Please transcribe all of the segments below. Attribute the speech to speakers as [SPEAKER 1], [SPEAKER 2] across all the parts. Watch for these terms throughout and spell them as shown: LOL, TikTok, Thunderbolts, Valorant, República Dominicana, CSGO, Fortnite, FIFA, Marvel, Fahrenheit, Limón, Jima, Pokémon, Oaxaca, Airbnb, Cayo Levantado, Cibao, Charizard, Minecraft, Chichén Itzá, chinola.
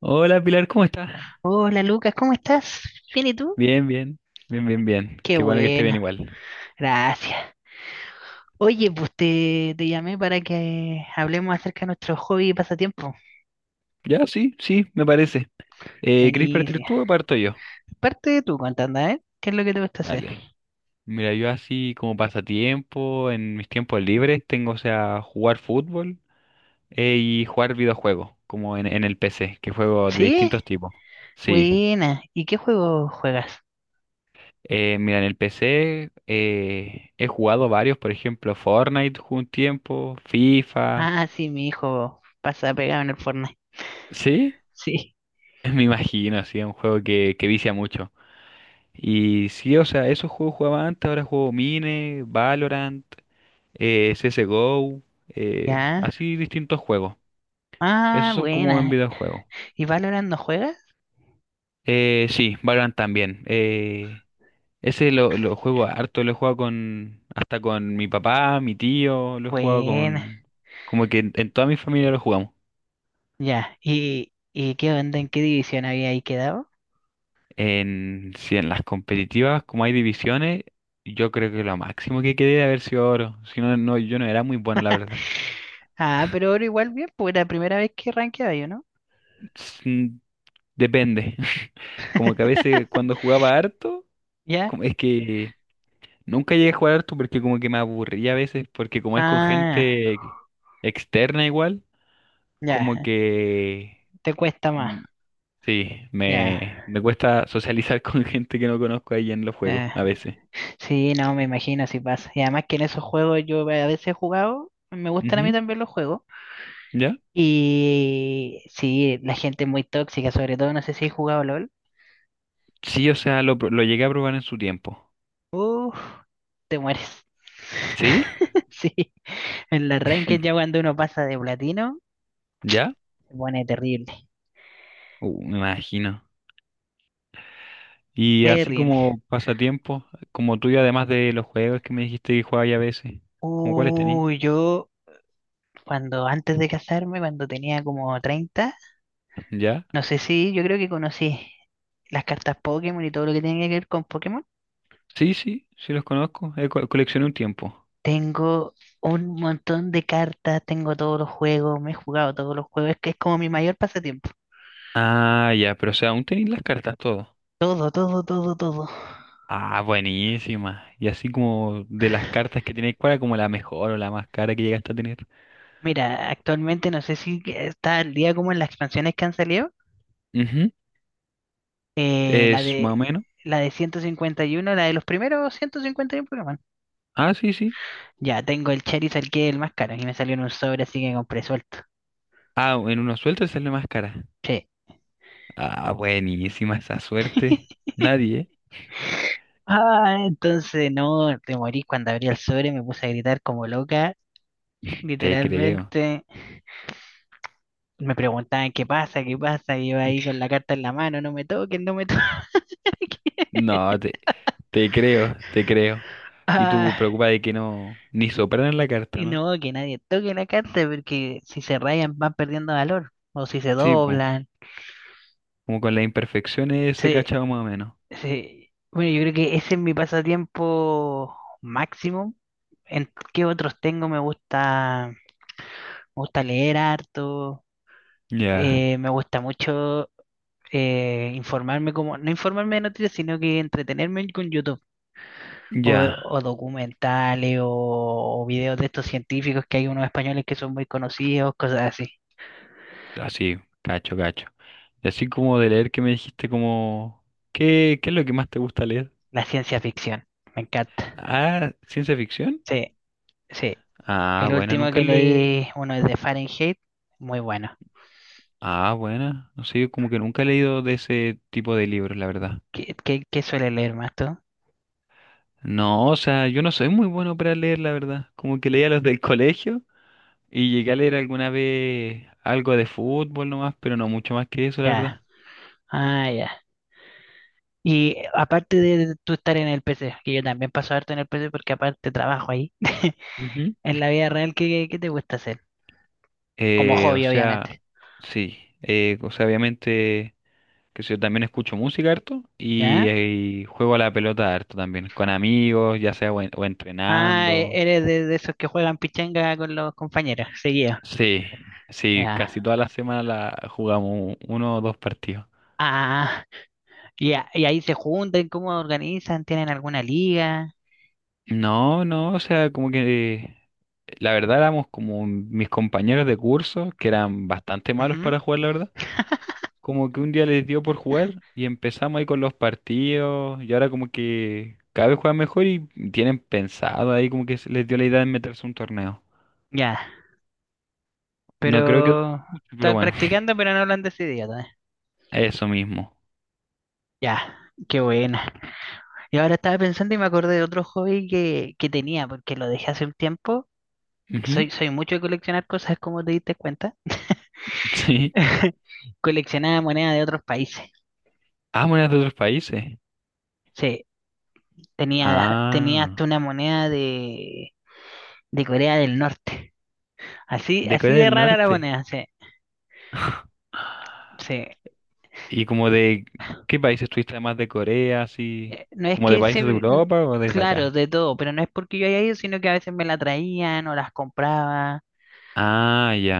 [SPEAKER 1] Hola Pilar, ¿cómo estás?
[SPEAKER 2] Hola Lucas, ¿cómo estás? ¿Bien y tú?
[SPEAKER 1] Bien, bien, bien, bien, bien.
[SPEAKER 2] Qué
[SPEAKER 1] Qué bueno que esté bien
[SPEAKER 2] bueno,
[SPEAKER 1] igual.
[SPEAKER 2] gracias. Oye, pues te llamé para que hablemos acerca de nuestros hobbies y pasatiempo.
[SPEAKER 1] Ya, sí, sí, me parece. ¿Querés partir
[SPEAKER 2] Buenísimo.
[SPEAKER 1] tú o parto yo?
[SPEAKER 2] Parte tú contando, ¿eh? ¿Qué es lo que te gusta hacer?
[SPEAKER 1] Dale. Mira, yo así como pasatiempo, en mis tiempos libres, tengo, o sea, jugar fútbol y jugar videojuegos, como en el PC, que juego de
[SPEAKER 2] ¿Sí?
[SPEAKER 1] distintos tipos. Sí.
[SPEAKER 2] Buena. ¿Y qué juego juegas?
[SPEAKER 1] Mira, en el PC he jugado varios, por ejemplo, Fortnite jugué un tiempo, FIFA.
[SPEAKER 2] Ah, sí, mi hijo pasa pegado en el Fortnite.
[SPEAKER 1] ¿Sí?
[SPEAKER 2] Sí.
[SPEAKER 1] Me imagino, sí, es un juego que vicia mucho. Y sí, o sea, esos juegos jugaba antes, ahora juego Mine, Valorant, CSGO,
[SPEAKER 2] ¿Ya?
[SPEAKER 1] así distintos juegos. Esos
[SPEAKER 2] Ah,
[SPEAKER 1] son como en
[SPEAKER 2] buena.
[SPEAKER 1] videojuegos.
[SPEAKER 2] ¿Y Valorant no juegas?
[SPEAKER 1] Sí, Valorant también. Ese lo juego harto, lo he jugado con, hasta con mi papá, mi tío, lo he jugado
[SPEAKER 2] Buena.
[SPEAKER 1] con... Como que en toda mi familia lo jugamos.
[SPEAKER 2] Ya. ¿Y qué onda? ¿En qué división había ahí quedado?
[SPEAKER 1] Sí, en las competitivas, como hay divisiones, yo creo que lo máximo que quedé de haber sido oro. Si no, no, yo no era muy bueno, la verdad.
[SPEAKER 2] Ah, pero ahora igual bien, pues era la primera vez que rankeaba yo, ¿no?
[SPEAKER 1] Depende. Como que a veces cuando jugaba harto,
[SPEAKER 2] ¿Ya?
[SPEAKER 1] es que nunca llegué a jugar harto porque como que me aburría a veces, porque como es con
[SPEAKER 2] Ah,
[SPEAKER 1] gente externa igual, como
[SPEAKER 2] ya,
[SPEAKER 1] que
[SPEAKER 2] te cuesta más,
[SPEAKER 1] mm, sí,
[SPEAKER 2] ya.
[SPEAKER 1] me cuesta socializar con gente que no conozco ahí en los juegos
[SPEAKER 2] eh,
[SPEAKER 1] a veces.
[SPEAKER 2] sí, no, me imagino si pasa. Y además que en esos juegos yo a veces he jugado, me gustan a mí
[SPEAKER 1] Ujú,
[SPEAKER 2] también los juegos.
[SPEAKER 1] ¿Ya?
[SPEAKER 2] Y sí, la gente es muy tóxica, sobre todo, no sé si he jugado LOL.
[SPEAKER 1] Sí, o sea, lo llegué a probar en su tiempo.
[SPEAKER 2] Uf, te mueres.
[SPEAKER 1] ¿Sí?
[SPEAKER 2] Sí, en la ranked ya cuando uno pasa de platino,
[SPEAKER 1] ¿Ya?
[SPEAKER 2] se pone terrible,
[SPEAKER 1] Me imagino. Y así
[SPEAKER 2] terrible.
[SPEAKER 1] como pasatiempos, como tuyo, además de los juegos que me dijiste que jugabas a veces, ¿como cuáles tenés?
[SPEAKER 2] Uy, yo cuando antes de casarme, cuando tenía como 30
[SPEAKER 1] ¿Ya?
[SPEAKER 2] no sé si yo creo que conocí las cartas Pokémon y todo lo que tenía que ver con Pokémon.
[SPEAKER 1] Sí, sí, sí los conozco. Coleccioné un tiempo.
[SPEAKER 2] Tengo un montón de cartas, tengo todos los juegos, me he jugado todos los juegos, es que es como mi mayor pasatiempo.
[SPEAKER 1] Ah, ya, pero o sea, aún tenéis las cartas todo.
[SPEAKER 2] Todo, todo, todo, todo.
[SPEAKER 1] Ah, buenísima. Y así como de las cartas que tenéis, ¿cuál era como la mejor o la más cara que llegaste a tener?
[SPEAKER 2] Mira, actualmente no sé si que está al día como en las expansiones que han salido.
[SPEAKER 1] Ujú,
[SPEAKER 2] eh, la
[SPEAKER 1] es más o
[SPEAKER 2] de
[SPEAKER 1] menos.
[SPEAKER 2] la de 151, la de los primeros 151 Pokémon.
[SPEAKER 1] Ah, sí, sí.
[SPEAKER 2] Ya tengo el Charizard que es el más caro y me salió en un sobre, así que compré suelto.
[SPEAKER 1] Ah, en una suelta sale más cara.
[SPEAKER 2] Sí.
[SPEAKER 1] Ah, buenísima esa suerte. Nadie,
[SPEAKER 2] Ah, entonces no, te morí cuando abrí el sobre, me puse a gritar como loca,
[SPEAKER 1] ¿eh? Te creo.
[SPEAKER 2] literalmente. Me preguntaban qué pasa, y yo ahí con la carta en la mano, no me toquen, no me toquen.
[SPEAKER 1] No, te creo, te creo. Y
[SPEAKER 2] Ah,
[SPEAKER 1] tú preocupas de que no, ni sopraran la carta,
[SPEAKER 2] y
[SPEAKER 1] ¿no?
[SPEAKER 2] no, que nadie toque la carta, porque si se rayan van perdiendo valor, o si se
[SPEAKER 1] Sí, pues,
[SPEAKER 2] doblan.
[SPEAKER 1] como con las imperfecciones se
[SPEAKER 2] Sí,
[SPEAKER 1] cachaba más o menos.
[SPEAKER 2] sí. Bueno, yo creo que ese es mi pasatiempo máximo. ¿En qué otros tengo? Me gusta leer harto,
[SPEAKER 1] Ya,
[SPEAKER 2] me gusta mucho. Informarme como, no informarme de noticias, sino que entretenerme con YouTube o,
[SPEAKER 1] ya,
[SPEAKER 2] o documentales o videos de estos científicos que hay unos españoles que son muy conocidos, cosas así.
[SPEAKER 1] así, cacho, cacho. Y así como de leer que me dijiste como, ¿qué es lo que más te gusta leer?
[SPEAKER 2] La ciencia ficción, me encanta.
[SPEAKER 1] Ah, ciencia ficción.
[SPEAKER 2] Sí, sí.
[SPEAKER 1] Ah,
[SPEAKER 2] El
[SPEAKER 1] buena,
[SPEAKER 2] último
[SPEAKER 1] nunca
[SPEAKER 2] que
[SPEAKER 1] le...
[SPEAKER 2] leí, uno es de Fahrenheit, muy bueno.
[SPEAKER 1] Ah, buena, no sé, yo como que nunca he leído de ese tipo de libros, la verdad.
[SPEAKER 2] ¿Qué suele leer más tú?
[SPEAKER 1] No, o sea, yo no soy muy bueno para leer, la verdad. Como que leía los del colegio. Y llegué a leer alguna vez algo de fútbol nomás, pero no mucho más que eso, la
[SPEAKER 2] Ya,
[SPEAKER 1] verdad.
[SPEAKER 2] ah, ya. Y aparte de tú estar en el PC, que yo también paso harto en el PC porque aparte trabajo ahí,
[SPEAKER 1] Ujú.
[SPEAKER 2] en la vida real, ¿qué te gusta hacer? Como
[SPEAKER 1] O
[SPEAKER 2] hobby,
[SPEAKER 1] sea,
[SPEAKER 2] obviamente.
[SPEAKER 1] sí. O sea, obviamente, que yo también escucho música harto
[SPEAKER 2] ¿Ya?
[SPEAKER 1] y juego a la pelota harto también, con amigos, ya sea o
[SPEAKER 2] Ah,
[SPEAKER 1] entrenando.
[SPEAKER 2] eres de esos que juegan pichanga con los compañeros, seguido.
[SPEAKER 1] Sí, sí,
[SPEAKER 2] Ya.
[SPEAKER 1] casi toda la semana la jugamos uno o dos partidos.
[SPEAKER 2] Ah, y ahí se juntan, ¿cómo organizan? ¿Tienen alguna liga?
[SPEAKER 1] No, no, o sea, como que la verdad éramos como mis compañeros de curso, que eran bastante malos
[SPEAKER 2] Ujú,
[SPEAKER 1] para jugar, la verdad. Como que un día les dio por jugar y empezamos ahí con los partidos y ahora como que cada vez juegan mejor y tienen pensado ahí como que se les dio la idea de meterse a un torneo.
[SPEAKER 2] ya.
[SPEAKER 1] No creo que dure
[SPEAKER 2] Pero
[SPEAKER 1] mucho, pero
[SPEAKER 2] están
[SPEAKER 1] bueno,
[SPEAKER 2] practicando, pero no lo han decidido todavía.
[SPEAKER 1] eso mismo.
[SPEAKER 2] Ya, qué buena. Y ahora estaba pensando y me acordé de otro hobby que tenía, porque lo dejé hace un tiempo.
[SPEAKER 1] Ujú.
[SPEAKER 2] Soy, soy mucho de coleccionar cosas, como te diste cuenta.
[SPEAKER 1] Sí.
[SPEAKER 2] Coleccionaba monedas de otros países.
[SPEAKER 1] Ah, monedas de otros países.
[SPEAKER 2] Sí, tenía
[SPEAKER 1] Ah,
[SPEAKER 2] hasta una moneda de Corea del Norte. Así,
[SPEAKER 1] de
[SPEAKER 2] así
[SPEAKER 1] Corea
[SPEAKER 2] de
[SPEAKER 1] del
[SPEAKER 2] rara la
[SPEAKER 1] Norte.
[SPEAKER 2] moneda, sí, sí.
[SPEAKER 1] ¿Y como de qué países estuviste además de Corea, así?
[SPEAKER 2] No es
[SPEAKER 1] ¿Como de
[SPEAKER 2] que
[SPEAKER 1] países de
[SPEAKER 2] se,
[SPEAKER 1] Europa o desde
[SPEAKER 2] claro,
[SPEAKER 1] acá?
[SPEAKER 2] de todo, pero no es porque yo haya ido, sino que a veces me la traían o las compraba.
[SPEAKER 1] Ah, ya.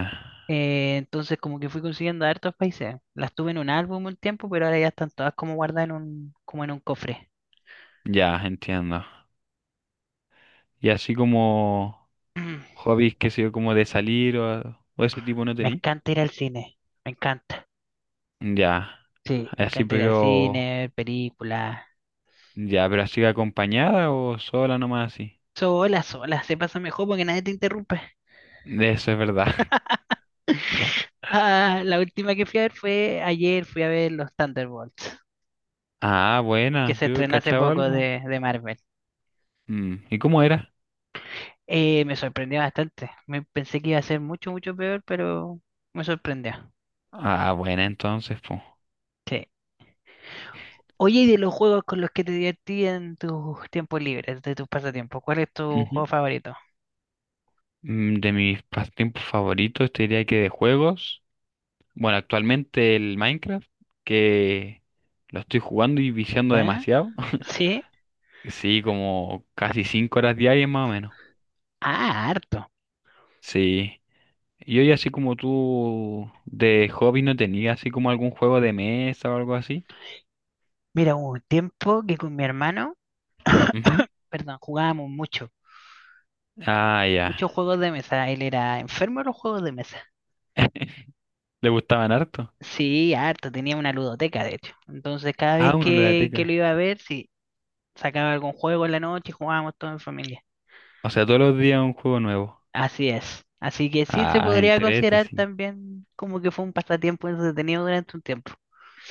[SPEAKER 2] Entonces como que fui consiguiendo de hartos países. Las tuve en un álbum un tiempo, pero ahora ya están todas como guardadas en como en un cofre.
[SPEAKER 1] Ya, entiendo. Y así como...
[SPEAKER 2] Mm,
[SPEAKER 1] hobbies que sé yo, como de salir o ese tipo no
[SPEAKER 2] Me
[SPEAKER 1] tení.
[SPEAKER 2] encanta ir al cine, me encanta.
[SPEAKER 1] Ya,
[SPEAKER 2] Sí, me
[SPEAKER 1] así
[SPEAKER 2] encanta ir al
[SPEAKER 1] pero,
[SPEAKER 2] cine, ver películas.
[SPEAKER 1] ya, pero así acompañada o sola nomás así.
[SPEAKER 2] Sola, sola, se pasa mejor porque nadie te interrumpe.
[SPEAKER 1] Eso es verdad.
[SPEAKER 2] Ah, la última que fui a ver fue ayer, fui a ver los Thunderbolts,
[SPEAKER 1] Ah,
[SPEAKER 2] que
[SPEAKER 1] buena,
[SPEAKER 2] se
[SPEAKER 1] yo he
[SPEAKER 2] estrenó hace
[SPEAKER 1] cachado
[SPEAKER 2] poco
[SPEAKER 1] algo.
[SPEAKER 2] de Marvel.
[SPEAKER 1] ¿Y cómo era?
[SPEAKER 2] Me sorprendió bastante. Me pensé que iba a ser mucho, mucho peor, pero me sorprendió.
[SPEAKER 1] Ah, buena entonces, pues.
[SPEAKER 2] Sí. Oye, y de los juegos con los que te divertí en tus tiempos libres, de tus pasatiempos, ¿cuál es tu juego favorito?
[SPEAKER 1] De mis pasatiempos favoritos, te diría que de juegos. Bueno, actualmente el Minecraft, que lo estoy jugando y viciando
[SPEAKER 2] ¿Ya?
[SPEAKER 1] demasiado.
[SPEAKER 2] ¿Sí?
[SPEAKER 1] Sí, como casi 5 horas diarias más o menos.
[SPEAKER 2] Ah, harto.
[SPEAKER 1] Sí. Y hoy, así como tú de hobby, ¿no tenías así como algún juego de mesa o algo así?
[SPEAKER 2] Mira, hubo un tiempo que con mi hermano,
[SPEAKER 1] Ujú.
[SPEAKER 2] perdón, jugábamos mucho,
[SPEAKER 1] Ah, ya.
[SPEAKER 2] muchos juegos de mesa. Él era enfermo de los juegos de mesa.
[SPEAKER 1] ¿Le gustaban harto?
[SPEAKER 2] Sí, harto, tenía una ludoteca, de hecho. Entonces, cada vez
[SPEAKER 1] Ah, uno lo
[SPEAKER 2] que,
[SPEAKER 1] teca.
[SPEAKER 2] que lo iba a ver, sí, sacaba algún juego en la noche y jugábamos todo en familia.
[SPEAKER 1] O sea, todos los días un juego nuevo.
[SPEAKER 2] Así es. Así que sí se
[SPEAKER 1] Ah,
[SPEAKER 2] podría
[SPEAKER 1] entrete,
[SPEAKER 2] considerar
[SPEAKER 1] sí.
[SPEAKER 2] también como que fue un pasatiempo entretenido durante un tiempo.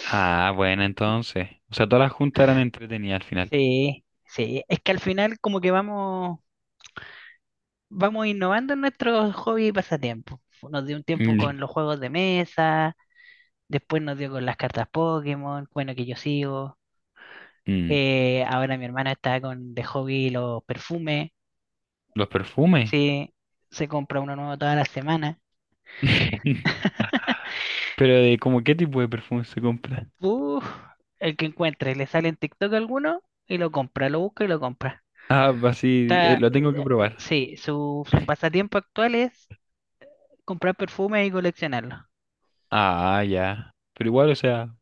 [SPEAKER 1] Ah, bueno, entonces. O sea, todas las juntas eran entretenidas al final.
[SPEAKER 2] Sí, sí. Es que al final como que vamos innovando en nuestros hobbies y pasatiempos. Nos dio un tiempo
[SPEAKER 1] Mm,
[SPEAKER 2] con los juegos de mesa, después nos dio con las cartas Pokémon, bueno, que yo sigo.
[SPEAKER 1] mm.
[SPEAKER 2] Ahora mi hermana está con de hobby los perfumes.
[SPEAKER 1] Los perfumes.
[SPEAKER 2] Si se compra uno nuevo toda la semana,
[SPEAKER 1] Pero de como qué tipo de perfume se compra.
[SPEAKER 2] uf, el que encuentre, le sale en TikTok alguno y lo compra, lo busca y lo compra.
[SPEAKER 1] Ah, así, lo tengo que probar.
[SPEAKER 2] Sí, su pasatiempo actual es comprar perfumes y coleccionarlos.
[SPEAKER 1] Ah, ya. Pero igual, o sea,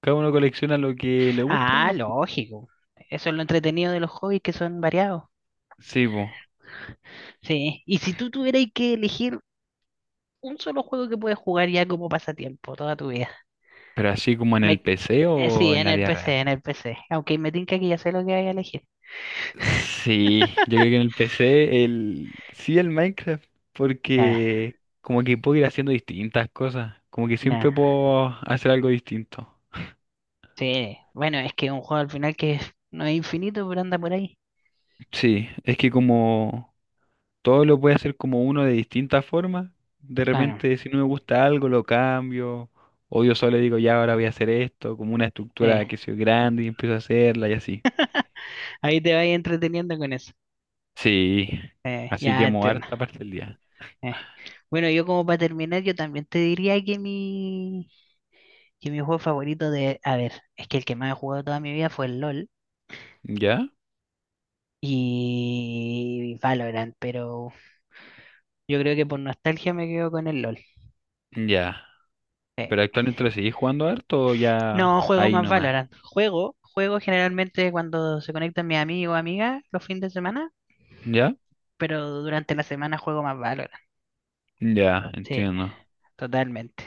[SPEAKER 1] cada uno colecciona lo que le gusta,
[SPEAKER 2] Ah,
[SPEAKER 1] ¿no?
[SPEAKER 2] lógico. Eso es lo entretenido de los hobbies que son variados.
[SPEAKER 1] Sí, bo.
[SPEAKER 2] Sí, y si tú tuvieras que elegir un solo juego que puedes jugar ya como pasatiempo toda tu vida.
[SPEAKER 1] Pero así como en
[SPEAKER 2] Me-
[SPEAKER 1] el PC
[SPEAKER 2] sí,
[SPEAKER 1] o en
[SPEAKER 2] en
[SPEAKER 1] la
[SPEAKER 2] el
[SPEAKER 1] vida
[SPEAKER 2] PC,
[SPEAKER 1] real.
[SPEAKER 2] en el PC. Aunque me tinca que ya sé lo que voy a elegir.
[SPEAKER 1] Sí, yo creo que en el PC el sí el Minecraft
[SPEAKER 2] Ya,
[SPEAKER 1] porque como que puedo ir haciendo distintas cosas, como que
[SPEAKER 2] ya.
[SPEAKER 1] siempre puedo hacer algo distinto.
[SPEAKER 2] Sí, bueno, es que un juego al final que no es infinito, pero anda por ahí.
[SPEAKER 1] Sí, es que como todo lo puede hacer como uno de distintas formas, de
[SPEAKER 2] Bueno,
[SPEAKER 1] repente si no me gusta algo lo cambio o yo solo digo ya ahora voy a hacer esto, como una
[SPEAKER 2] eh,
[SPEAKER 1] estructura que sea grande y empiezo a hacerla y así.
[SPEAKER 2] ahí te vas entreteniendo con eso.
[SPEAKER 1] Sí, así
[SPEAKER 2] Ya
[SPEAKER 1] que mover
[SPEAKER 2] entiendo.
[SPEAKER 1] esta parte del día.
[SPEAKER 2] eh. Bueno, yo como para terminar, yo también te diría que mi, juego favorito A ver, es que el que más he jugado toda mi vida fue el LOL
[SPEAKER 1] ¿Ya?
[SPEAKER 2] y Valorant, pero yo creo que por nostalgia me quedo con el LOL.
[SPEAKER 1] Ya. ¿Pero actualmente lo seguís jugando harto o ya
[SPEAKER 2] No, juego
[SPEAKER 1] ahí
[SPEAKER 2] más
[SPEAKER 1] nomás?
[SPEAKER 2] Valorant. Juego generalmente cuando se conectan mis amigos o amigas los fines de semana,
[SPEAKER 1] ¿Ya?
[SPEAKER 2] pero durante la semana juego más Valorant.
[SPEAKER 1] Ya,
[SPEAKER 2] Sí,
[SPEAKER 1] entiendo.
[SPEAKER 2] totalmente.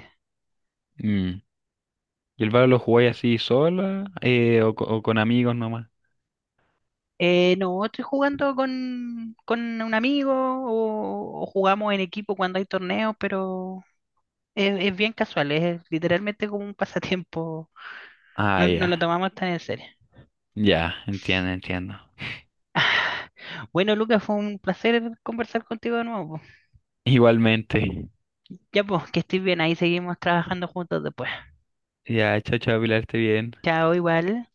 [SPEAKER 1] Mm. ¿Y el Valorant lo jugáis así sola o con amigos nomás?
[SPEAKER 2] No, estoy jugando con un amigo o jugamos en equipo cuando hay torneos, pero es bien casual, es literalmente como un pasatiempo.
[SPEAKER 1] Ah,
[SPEAKER 2] No, no lo
[SPEAKER 1] ya.
[SPEAKER 2] tomamos tan en serio.
[SPEAKER 1] Ya, entiendo, entiendo.
[SPEAKER 2] Ah, bueno, Lucas, fue un placer conversar contigo de nuevo, po.
[SPEAKER 1] Igualmente.
[SPEAKER 2] Ya pues, que estés bien, ahí seguimos trabajando juntos después.
[SPEAKER 1] Ya, chao, chao, Pilar, esté bien.
[SPEAKER 2] Chao, igual.